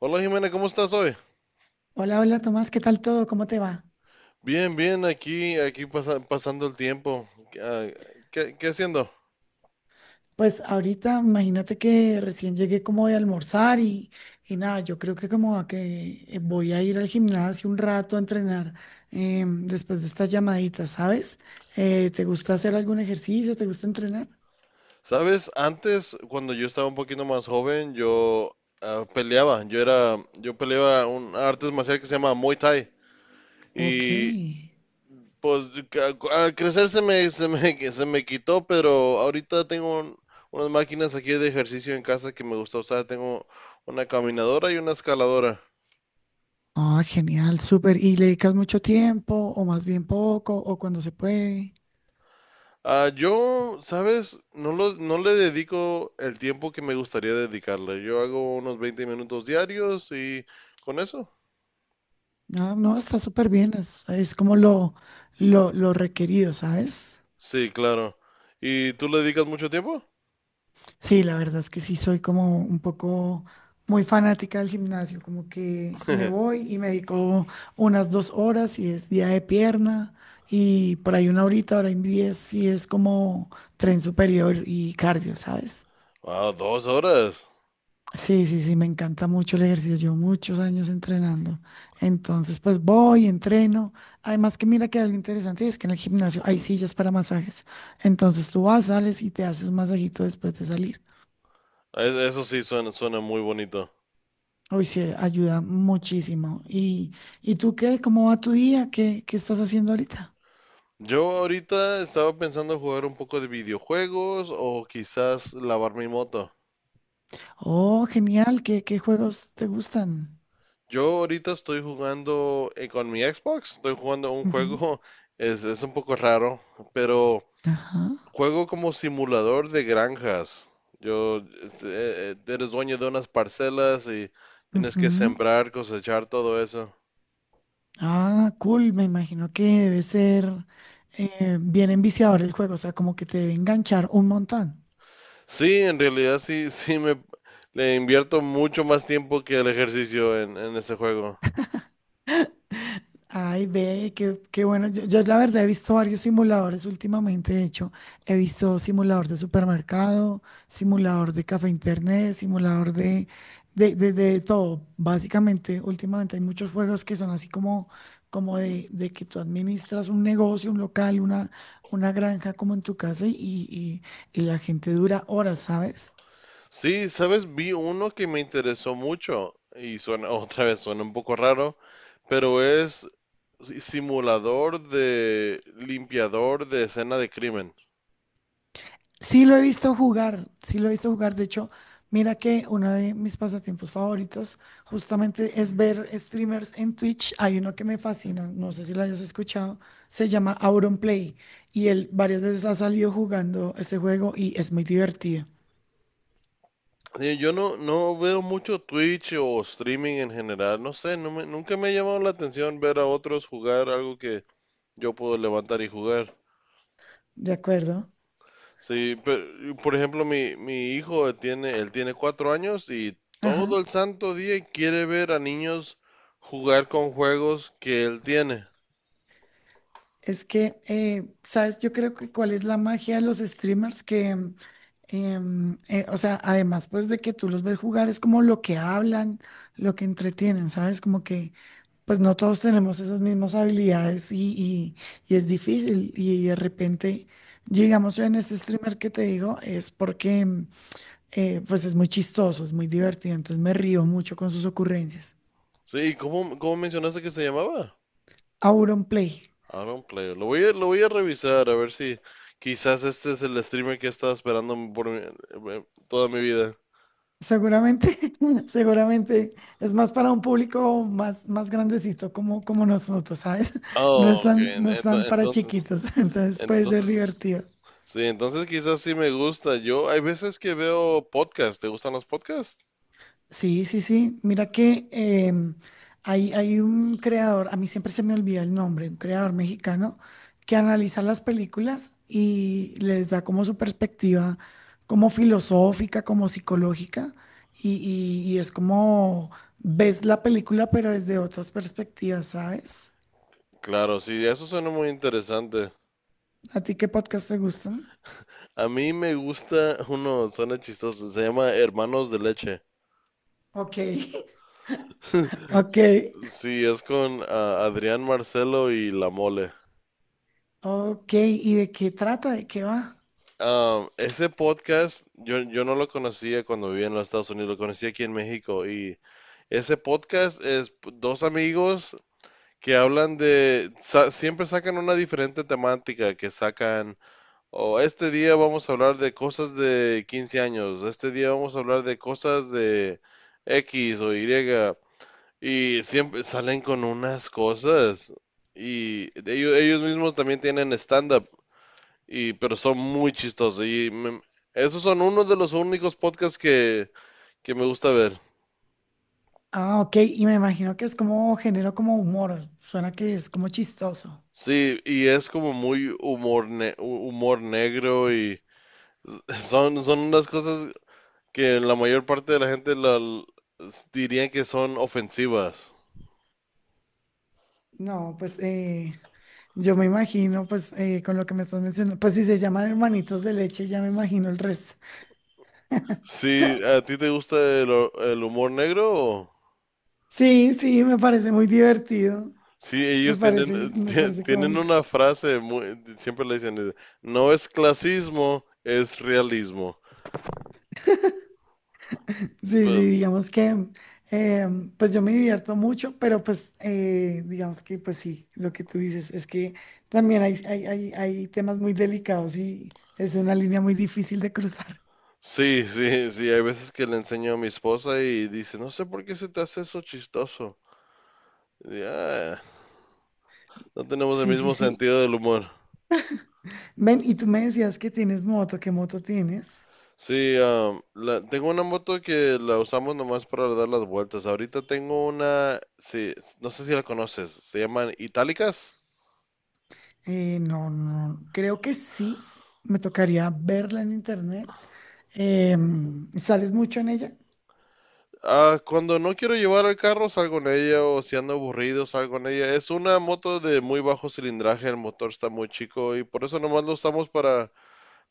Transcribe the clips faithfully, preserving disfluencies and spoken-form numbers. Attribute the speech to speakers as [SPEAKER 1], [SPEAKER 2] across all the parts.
[SPEAKER 1] Hola Jimena, ¿cómo estás hoy?
[SPEAKER 2] Hola, hola Tomás, ¿qué tal todo? ¿Cómo te va?
[SPEAKER 1] Bien, bien, aquí, aquí pasa- pasando el tiempo. Ah, ¿Qué, qué haciendo?
[SPEAKER 2] Pues ahorita imagínate que recién llegué como de almorzar y, y nada, yo creo que como a que eh, voy a ir al gimnasio un rato a entrenar em, después de estas llamaditas, ¿sabes? Eh, ¿te gusta hacer algún ejercicio? ¿Te gusta entrenar?
[SPEAKER 1] Sabes, antes, cuando yo estaba un poquito más joven, yo ah, peleaba. Yo era, yo peleaba un arte marcial que se llama Muay Thai.
[SPEAKER 2] Ok.
[SPEAKER 1] Y pues ca- al crecer se me, se me, se me quitó, pero ahorita tengo un- unas máquinas aquí de ejercicio en casa que me gusta usar. Tengo una caminadora y una escaladora.
[SPEAKER 2] Ah, genial, súper. ¿Y le dedicas mucho tiempo o más bien poco o cuando se puede?
[SPEAKER 1] Ah, yo, ¿sabes? No lo- no le dedico el tiempo que me gustaría dedicarle. Yo hago unos veinte minutos diarios y con eso.
[SPEAKER 2] No, no, está súper bien, es, es como lo, lo, lo requerido, ¿sabes?
[SPEAKER 1] Sí, claro. ¿Y tú le dedicas mucho tiempo?
[SPEAKER 2] Sí, la verdad es que sí soy como un poco muy fanática del gimnasio, como que me voy y me dedico unas dos horas y es día de pierna y por ahí una horita, hora y diez y es como tren superior y cardio, ¿sabes?
[SPEAKER 1] Wow, dos horas.
[SPEAKER 2] Sí, sí, sí, me encanta mucho el ejercicio, llevo muchos años entrenando, entonces pues voy, entreno, además que mira que algo interesante es que en el gimnasio hay sillas para masajes, entonces tú vas, sales y te haces un masajito después de salir.
[SPEAKER 1] E- Eso sí suena, suena muy bonito.
[SPEAKER 2] Hoy sí, ayuda muchísimo. ¿Y, y tú qué? ¿Cómo va tu día? ¿Qué, qué estás haciendo ahorita?
[SPEAKER 1] Yo ahorita estaba pensando jugar un poco de videojuegos o quizás lavar mi moto.
[SPEAKER 2] Oh, genial. ¿Qué, qué juegos te gustan?
[SPEAKER 1] Yo ahorita estoy jugando eh, con mi Xbox, estoy jugando un
[SPEAKER 2] Ujú.
[SPEAKER 1] juego, es, es un poco raro, pero
[SPEAKER 2] Ajá.
[SPEAKER 1] juego como simulador de granjas. Yo, este, eh, eh, eres dueño de unas parcelas y tienes que
[SPEAKER 2] Ujú.
[SPEAKER 1] sembrar, cosechar, todo eso.
[SPEAKER 2] Ah, cool. Me imagino que debe ser eh, bien enviciador el juego, o sea, como que te debe enganchar un montón.
[SPEAKER 1] Sí, en realidad sí, sí me le invierto mucho más tiempo que el ejercicio en, en ese juego.
[SPEAKER 2] Ay, ve, qué, qué bueno. Yo, yo la verdad he visto varios simuladores últimamente. De hecho, he visto simulador de supermercado, simulador de café internet, simulador de, de, de, de todo. Básicamente, últimamente hay muchos juegos que son así como, como de, de que tú administras un negocio, un local, una, una granja como en tu casa y, y, y la gente dura horas, ¿sabes?
[SPEAKER 1] Sí, sabes, vi uno que me interesó mucho y suena otra vez, suena un poco raro, pero es simulador de limpiador de escena de crimen.
[SPEAKER 2] Sí lo he visto jugar, sí lo he visto jugar. De hecho, mira que uno de mis pasatiempos favoritos justamente es ver streamers en Twitch. Hay uno que me fascina, no sé si lo hayas escuchado, se llama Auronplay y él varias veces ha salido jugando este juego y es muy divertido.
[SPEAKER 1] Sí, yo no, no veo mucho Twitch o streaming en general, no sé, no me- nunca me ha llamado la atención ver a otros jugar algo que yo puedo levantar y jugar.
[SPEAKER 2] ¿De acuerdo?
[SPEAKER 1] Sí, pero, por ejemplo, mi, mi hijo tiene, él tiene cuatro años y todo
[SPEAKER 2] Ajá.
[SPEAKER 1] el santo día quiere ver a niños jugar con juegos que él tiene.
[SPEAKER 2] Es que, eh, ¿sabes? Yo creo que cuál es la magia de los streamers que, em, em, eh, o sea, además pues de que tú los ves jugar, es como lo que hablan, lo que entretienen, ¿sabes? Como que pues no todos tenemos esas mismas habilidades y, y- y es difícil. Y de repente, digamos, yo en este streamer que te digo, es porque mm, eh, pues es muy chistoso, es muy divertido, entonces me río mucho con sus ocurrencias.
[SPEAKER 1] Sí, ¿cómo, cómo mencionaste que se llamaba?
[SPEAKER 2] Auron Play.
[SPEAKER 1] Aaron Player. Lo voy a, lo voy a revisar a ver si quizás este es el streamer que he estado esperando por mi- eh, toda mi vida.
[SPEAKER 2] Seguramente, seguramente es más para un público más, más grandecito como, como nosotros, ¿sabes? No
[SPEAKER 1] Oh, ok,
[SPEAKER 2] están,
[SPEAKER 1] en-
[SPEAKER 2] no
[SPEAKER 1] ento-
[SPEAKER 2] están para
[SPEAKER 1] entonces,
[SPEAKER 2] chiquitos, entonces puede ser
[SPEAKER 1] entonces,
[SPEAKER 2] divertido.
[SPEAKER 1] sí, entonces quizás sí me gusta. Yo hay veces que veo podcasts. ¿Te gustan los podcasts?
[SPEAKER 2] Sí, sí, sí. Mira que em, hay, hay un creador, a mí siempre se me olvida el nombre, un creador mexicano que analiza las películas y les da como su perspectiva, como filosófica, como psicológica, y, y- y es como ves la película pero desde otras perspectivas, ¿sabes?
[SPEAKER 1] Claro, sí, eso suena muy interesante.
[SPEAKER 2] ¿A ti qué podcast te gustan?
[SPEAKER 1] A mí me gusta uno, suena chistoso, se llama Hermanos de Leche.
[SPEAKER 2] Ok, ok,
[SPEAKER 1] Sí, sí, es con ah, Adrián Marcelo y La Mole.
[SPEAKER 2] ok. ¿Y de qué trata? ¿De qué va?
[SPEAKER 1] Um, ese podcast yo, yo no lo conocía cuando vivía en los Estados Unidos, lo conocí aquí en México y ese podcast es p- dos amigos que hablan de, sa- siempre sacan una diferente temática, que sacan, o este día vamos a hablar de cosas de quince años, este día vamos a hablar de cosas de X o Y, y siempre salen con unas cosas, y ellos, ellos mismos también tienen stand-up, y, pero son muy chistosos, y me- esos son uno de los únicos podcasts que, que me gusta ver.
[SPEAKER 2] Ah, ok, y me imagino que es como género como humor, suena que es como chistoso.
[SPEAKER 1] Sí, y es como muy humor, ne- humor negro y... Son, son unas cosas que la mayor parte de la gente la, dirían que son ofensivas.
[SPEAKER 2] No, pues eh, yo me imagino, pues eh, con lo que me estás mencionando, pues si se llaman hermanitos de leche, ya me imagino el resto.
[SPEAKER 1] Sí, ¿a ti te gusta el, ho- el humor negro? O,
[SPEAKER 2] Sí, sí, me parece muy divertido,
[SPEAKER 1] sí,
[SPEAKER 2] me
[SPEAKER 1] ellos tienen,
[SPEAKER 2] parece, me
[SPEAKER 1] tie-
[SPEAKER 2] parece
[SPEAKER 1] tienen
[SPEAKER 2] cómico.
[SPEAKER 1] una frase, muy- siempre le dicen, no es clasismo, es realismo.
[SPEAKER 2] Sí,
[SPEAKER 1] Pero
[SPEAKER 2] sí, digamos que eh, pues yo me divierto mucho, pero pues eh, digamos que pues sí, lo que tú dices es que también hay, hay, hay, hay temas muy delicados y es una línea muy difícil de cruzar.
[SPEAKER 1] sí, sí, sí, hay veces que le enseño a mi esposa y dice, no sé por qué se te hace eso chistoso. Y, "Ah, no tenemos el
[SPEAKER 2] Sí, sí,
[SPEAKER 1] mismo
[SPEAKER 2] sí.
[SPEAKER 1] sentido del humor."
[SPEAKER 2] Ven, y tú me decías que tienes moto, ¿qué moto tienes?
[SPEAKER 1] Sí, am, la- tengo una moto que la usamos nomás para dar las vueltas. Ahorita tengo una, sí, no sé si la conoces, se llaman Itálicas.
[SPEAKER 2] Eh, no, no, creo que sí, me tocaría verla en internet. Em, ¿sales mucho en ella?
[SPEAKER 1] Ah, cuando no quiero llevar el carro salgo en ella o si ando aburrido salgo en ella. Es una moto de muy bajo cilindraje, el motor está muy chico y por eso nomás lo usamos para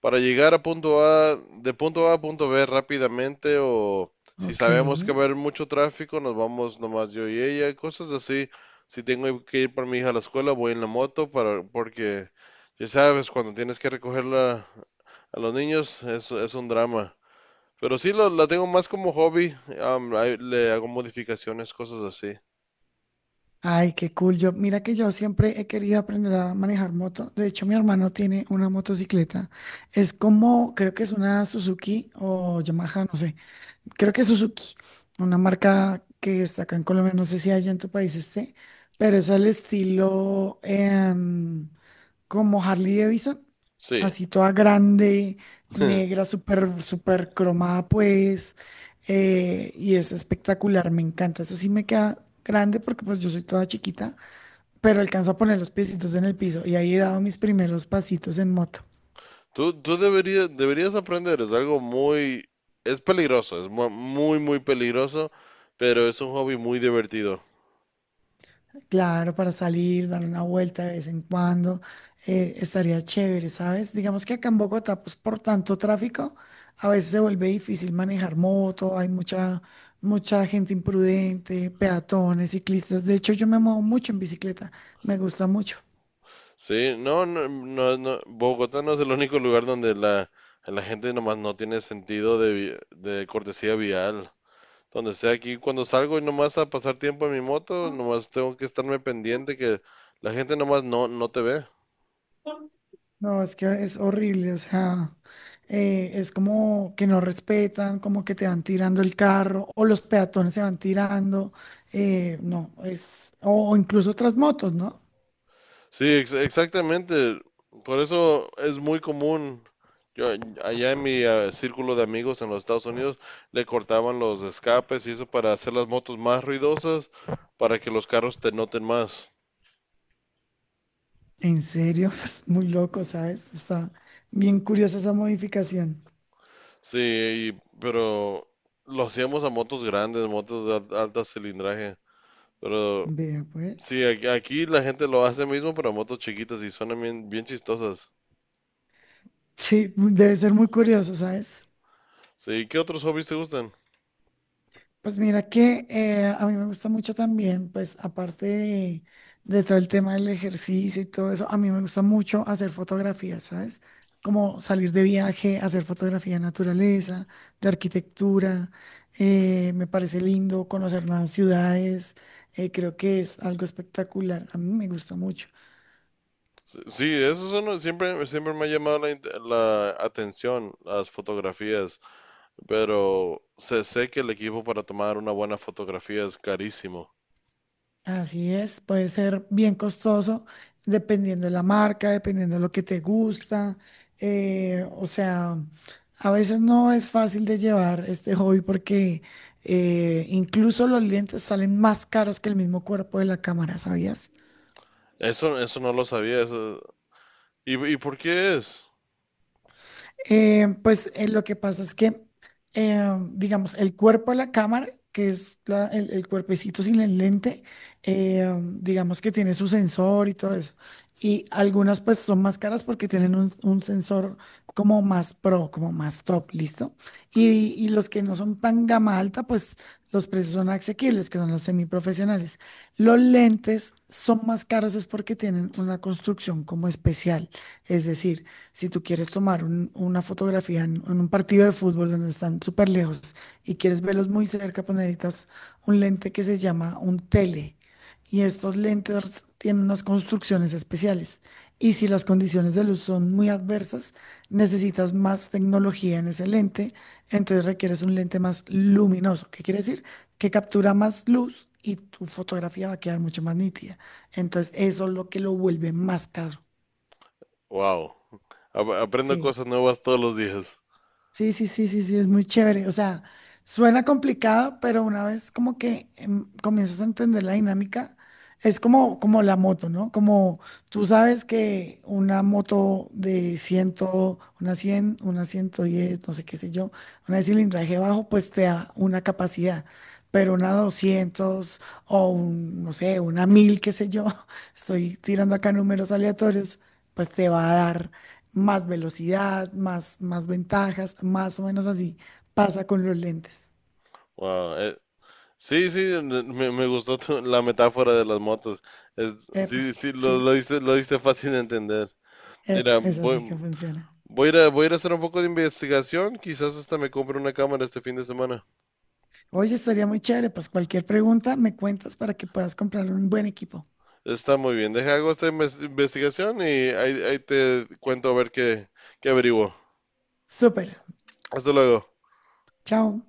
[SPEAKER 1] para llegar a punto A, de punto A a punto B rápidamente o si
[SPEAKER 2] Ok.
[SPEAKER 1] sabemos que va a haber mucho tráfico, nos vamos nomás yo y ella, cosas así. Si tengo que ir por mi hija a la escuela, voy en la moto para porque ya sabes, cuando tienes que recogerla a los niños es, es un drama. Pero sí lo- la tengo más como hobby, am, ahí le hago modificaciones, cosas así.
[SPEAKER 2] Ay, qué cool. Yo, mira que yo siempre he querido aprender a manejar moto. De hecho, mi hermano tiene una motocicleta. Es como, creo que es una Suzuki o Yamaha, no sé. Creo que es Suzuki, una marca que está acá en Colombia. No sé si allá en tu país esté, pero es al estilo em, como Harley Davidson,
[SPEAKER 1] Sí.
[SPEAKER 2] así toda grande, negra, súper, súper cromada, pues, eh, y es espectacular, me encanta. Eso sí me queda grande porque pues yo soy toda chiquita, pero alcanzo a poner los piecitos en el piso y ahí he dado mis primeros pasitos en moto.
[SPEAKER 1] Tú, tú deberías, deberías aprender, es algo muy, es peligroso, es mu- muy, muy peligroso, pero es un hobby muy divertido.
[SPEAKER 2] Claro, para salir, dar una vuelta de vez en cuando, eh, estaría chévere, ¿sabes? Digamos que acá en Bogotá, pues por tanto tráfico, a veces se vuelve difícil manejar moto, hay mucha, mucha gente imprudente, peatones, ciclistas. De hecho, yo me muevo mucho en bicicleta, me gusta mucho.
[SPEAKER 1] Sí, no, no, no, no, Bogotá no es el único lugar donde la, la gente nomás no tiene sentido de, vi- de cortesía vial. Donde sea aquí, cuando salgo y nomás a pasar tiempo en mi moto, nomás tengo que estarme pendiente que la gente nomás no, no te ve.
[SPEAKER 2] No, es que es horrible, o sea, eh, es como que no respetan, como que te van tirando el carro, o los peatones se van tirando, eh, no, es, o o incluso otras motos, ¿no?
[SPEAKER 1] Sí, ex- exactamente. Por eso es muy común. Yo, allá en mi eh, círculo de amigos en los Estados Unidos le cortaban los escapes y eso para hacer las motos más ruidosas, para que los carros te noten más.
[SPEAKER 2] En serio, pues muy loco, ¿sabes? Está bien curiosa esa modificación.
[SPEAKER 1] Sí, y pero lo hacíamos a motos grandes, motos de al- alta cilindraje. Pero
[SPEAKER 2] Vea,
[SPEAKER 1] sí,
[SPEAKER 2] pues.
[SPEAKER 1] aquí, aquí la gente lo hace mismo, pero a motos chiquitas y suenan bien, bien chistosas.
[SPEAKER 2] Sí, mu- debe ser muy curioso, ¿sabes?
[SPEAKER 1] Sí, ¿qué otros hobbies te gustan?
[SPEAKER 2] Pues mira que eh, a mí me gusta mucho también, pues aparte de, de todo el tema del ejercicio y todo eso, a mí me gusta mucho hacer fotografías, ¿sabes? Como salir de viaje, hacer fotografía de naturaleza, de arquitectura, eh, me parece lindo conocer nuevas ciudades, eh, creo que es algo espectacular, a mí me gusta mucho.
[SPEAKER 1] Sí, eso es uno- siempre, siempre me ha llamado la, int- la atención las fotografías, pero sé, sé que el equipo para tomar una buena fotografía es carísimo.
[SPEAKER 2] Así es, puede ser bien costoso dependiendo de la marca, dependiendo de lo que te gusta. eh, o sea, a veces no es fácil de llevar este hobby porque eh, incluso los lentes salen más caros que el mismo cuerpo de la cámara, ¿sabías?
[SPEAKER 1] Eso, eso no lo sabía. Eso, ¿y, y por qué es?
[SPEAKER 2] Eh, pues eh, lo que pasa es que, eh, digamos, el cuerpo de la cámara, que es la- el, el cuerpecito sin el lente, eh, digamos que tiene su sensor y todo eso. Y algunas pues son más caras porque tienen un, un sensor como más pro, como más top, ¿listo? Y, y los que no son tan gama alta, pues los precios son asequibles, que son los semiprofesionales. Los lentes son más caros es porque tienen una construcción como especial. Es decir, si tú quieres tomar un- una fotografía en, en un partido de fútbol donde están súper lejos y quieres verlos muy cerca, pues necesitas un lente que se llama un tele. Y estos lentes tienen unas construcciones especiales. Y si las condiciones de luz son muy adversas, necesitas más tecnología en ese lente. Entonces requieres un lente más luminoso. ¿Qué quiere decir? Que captura más luz y tu fotografía va a quedar mucho más nítida. Entonces eso es lo que lo vuelve más caro.
[SPEAKER 1] Wow. Aprendo
[SPEAKER 2] Sí.
[SPEAKER 1] cosas nuevas todos los días.
[SPEAKER 2] Sí, sí, sí, sí, sí, es muy chévere. O sea, suena complicado, pero una vez como que em, comienzas a entender la dinámica, es como, como la moto, ¿no? Como tú sabes que una moto de cien, una cien una ciento diez no sé qué sé yo, una de cilindraje bajo, pues te da una capacidad, pero una doscientos o un, no sé, una mil qué sé yo, estoy tirando acá números aleatorios, pues te va a dar más velocidad, más, más ventajas, más o menos así pasa con los lentes.
[SPEAKER 1] Wow. eh, sí, sí, n- me, me gustó tu- la metáfora de las motos. Es,
[SPEAKER 2] Epa,
[SPEAKER 1] sí, sí, lo,
[SPEAKER 2] sí,
[SPEAKER 1] lo diste, lo diste fácil de entender.
[SPEAKER 2] epa,
[SPEAKER 1] Mira,
[SPEAKER 2] eso
[SPEAKER 1] voy,
[SPEAKER 2] sí que funciona.
[SPEAKER 1] voy a ir a, voy a ir a hacer un poco de investigación. Quizás hasta me compre una cámara este fin de semana.
[SPEAKER 2] Oye, estaría muy chévere, pues cualquier pregunta me cuentas para que puedas comprar un buen equipo.
[SPEAKER 1] Está muy bien. Deja hago esta inves- investigación y ahí, ahí te cuento a ver qué, qué averiguo.
[SPEAKER 2] Súper,
[SPEAKER 1] Hasta luego.
[SPEAKER 2] chao.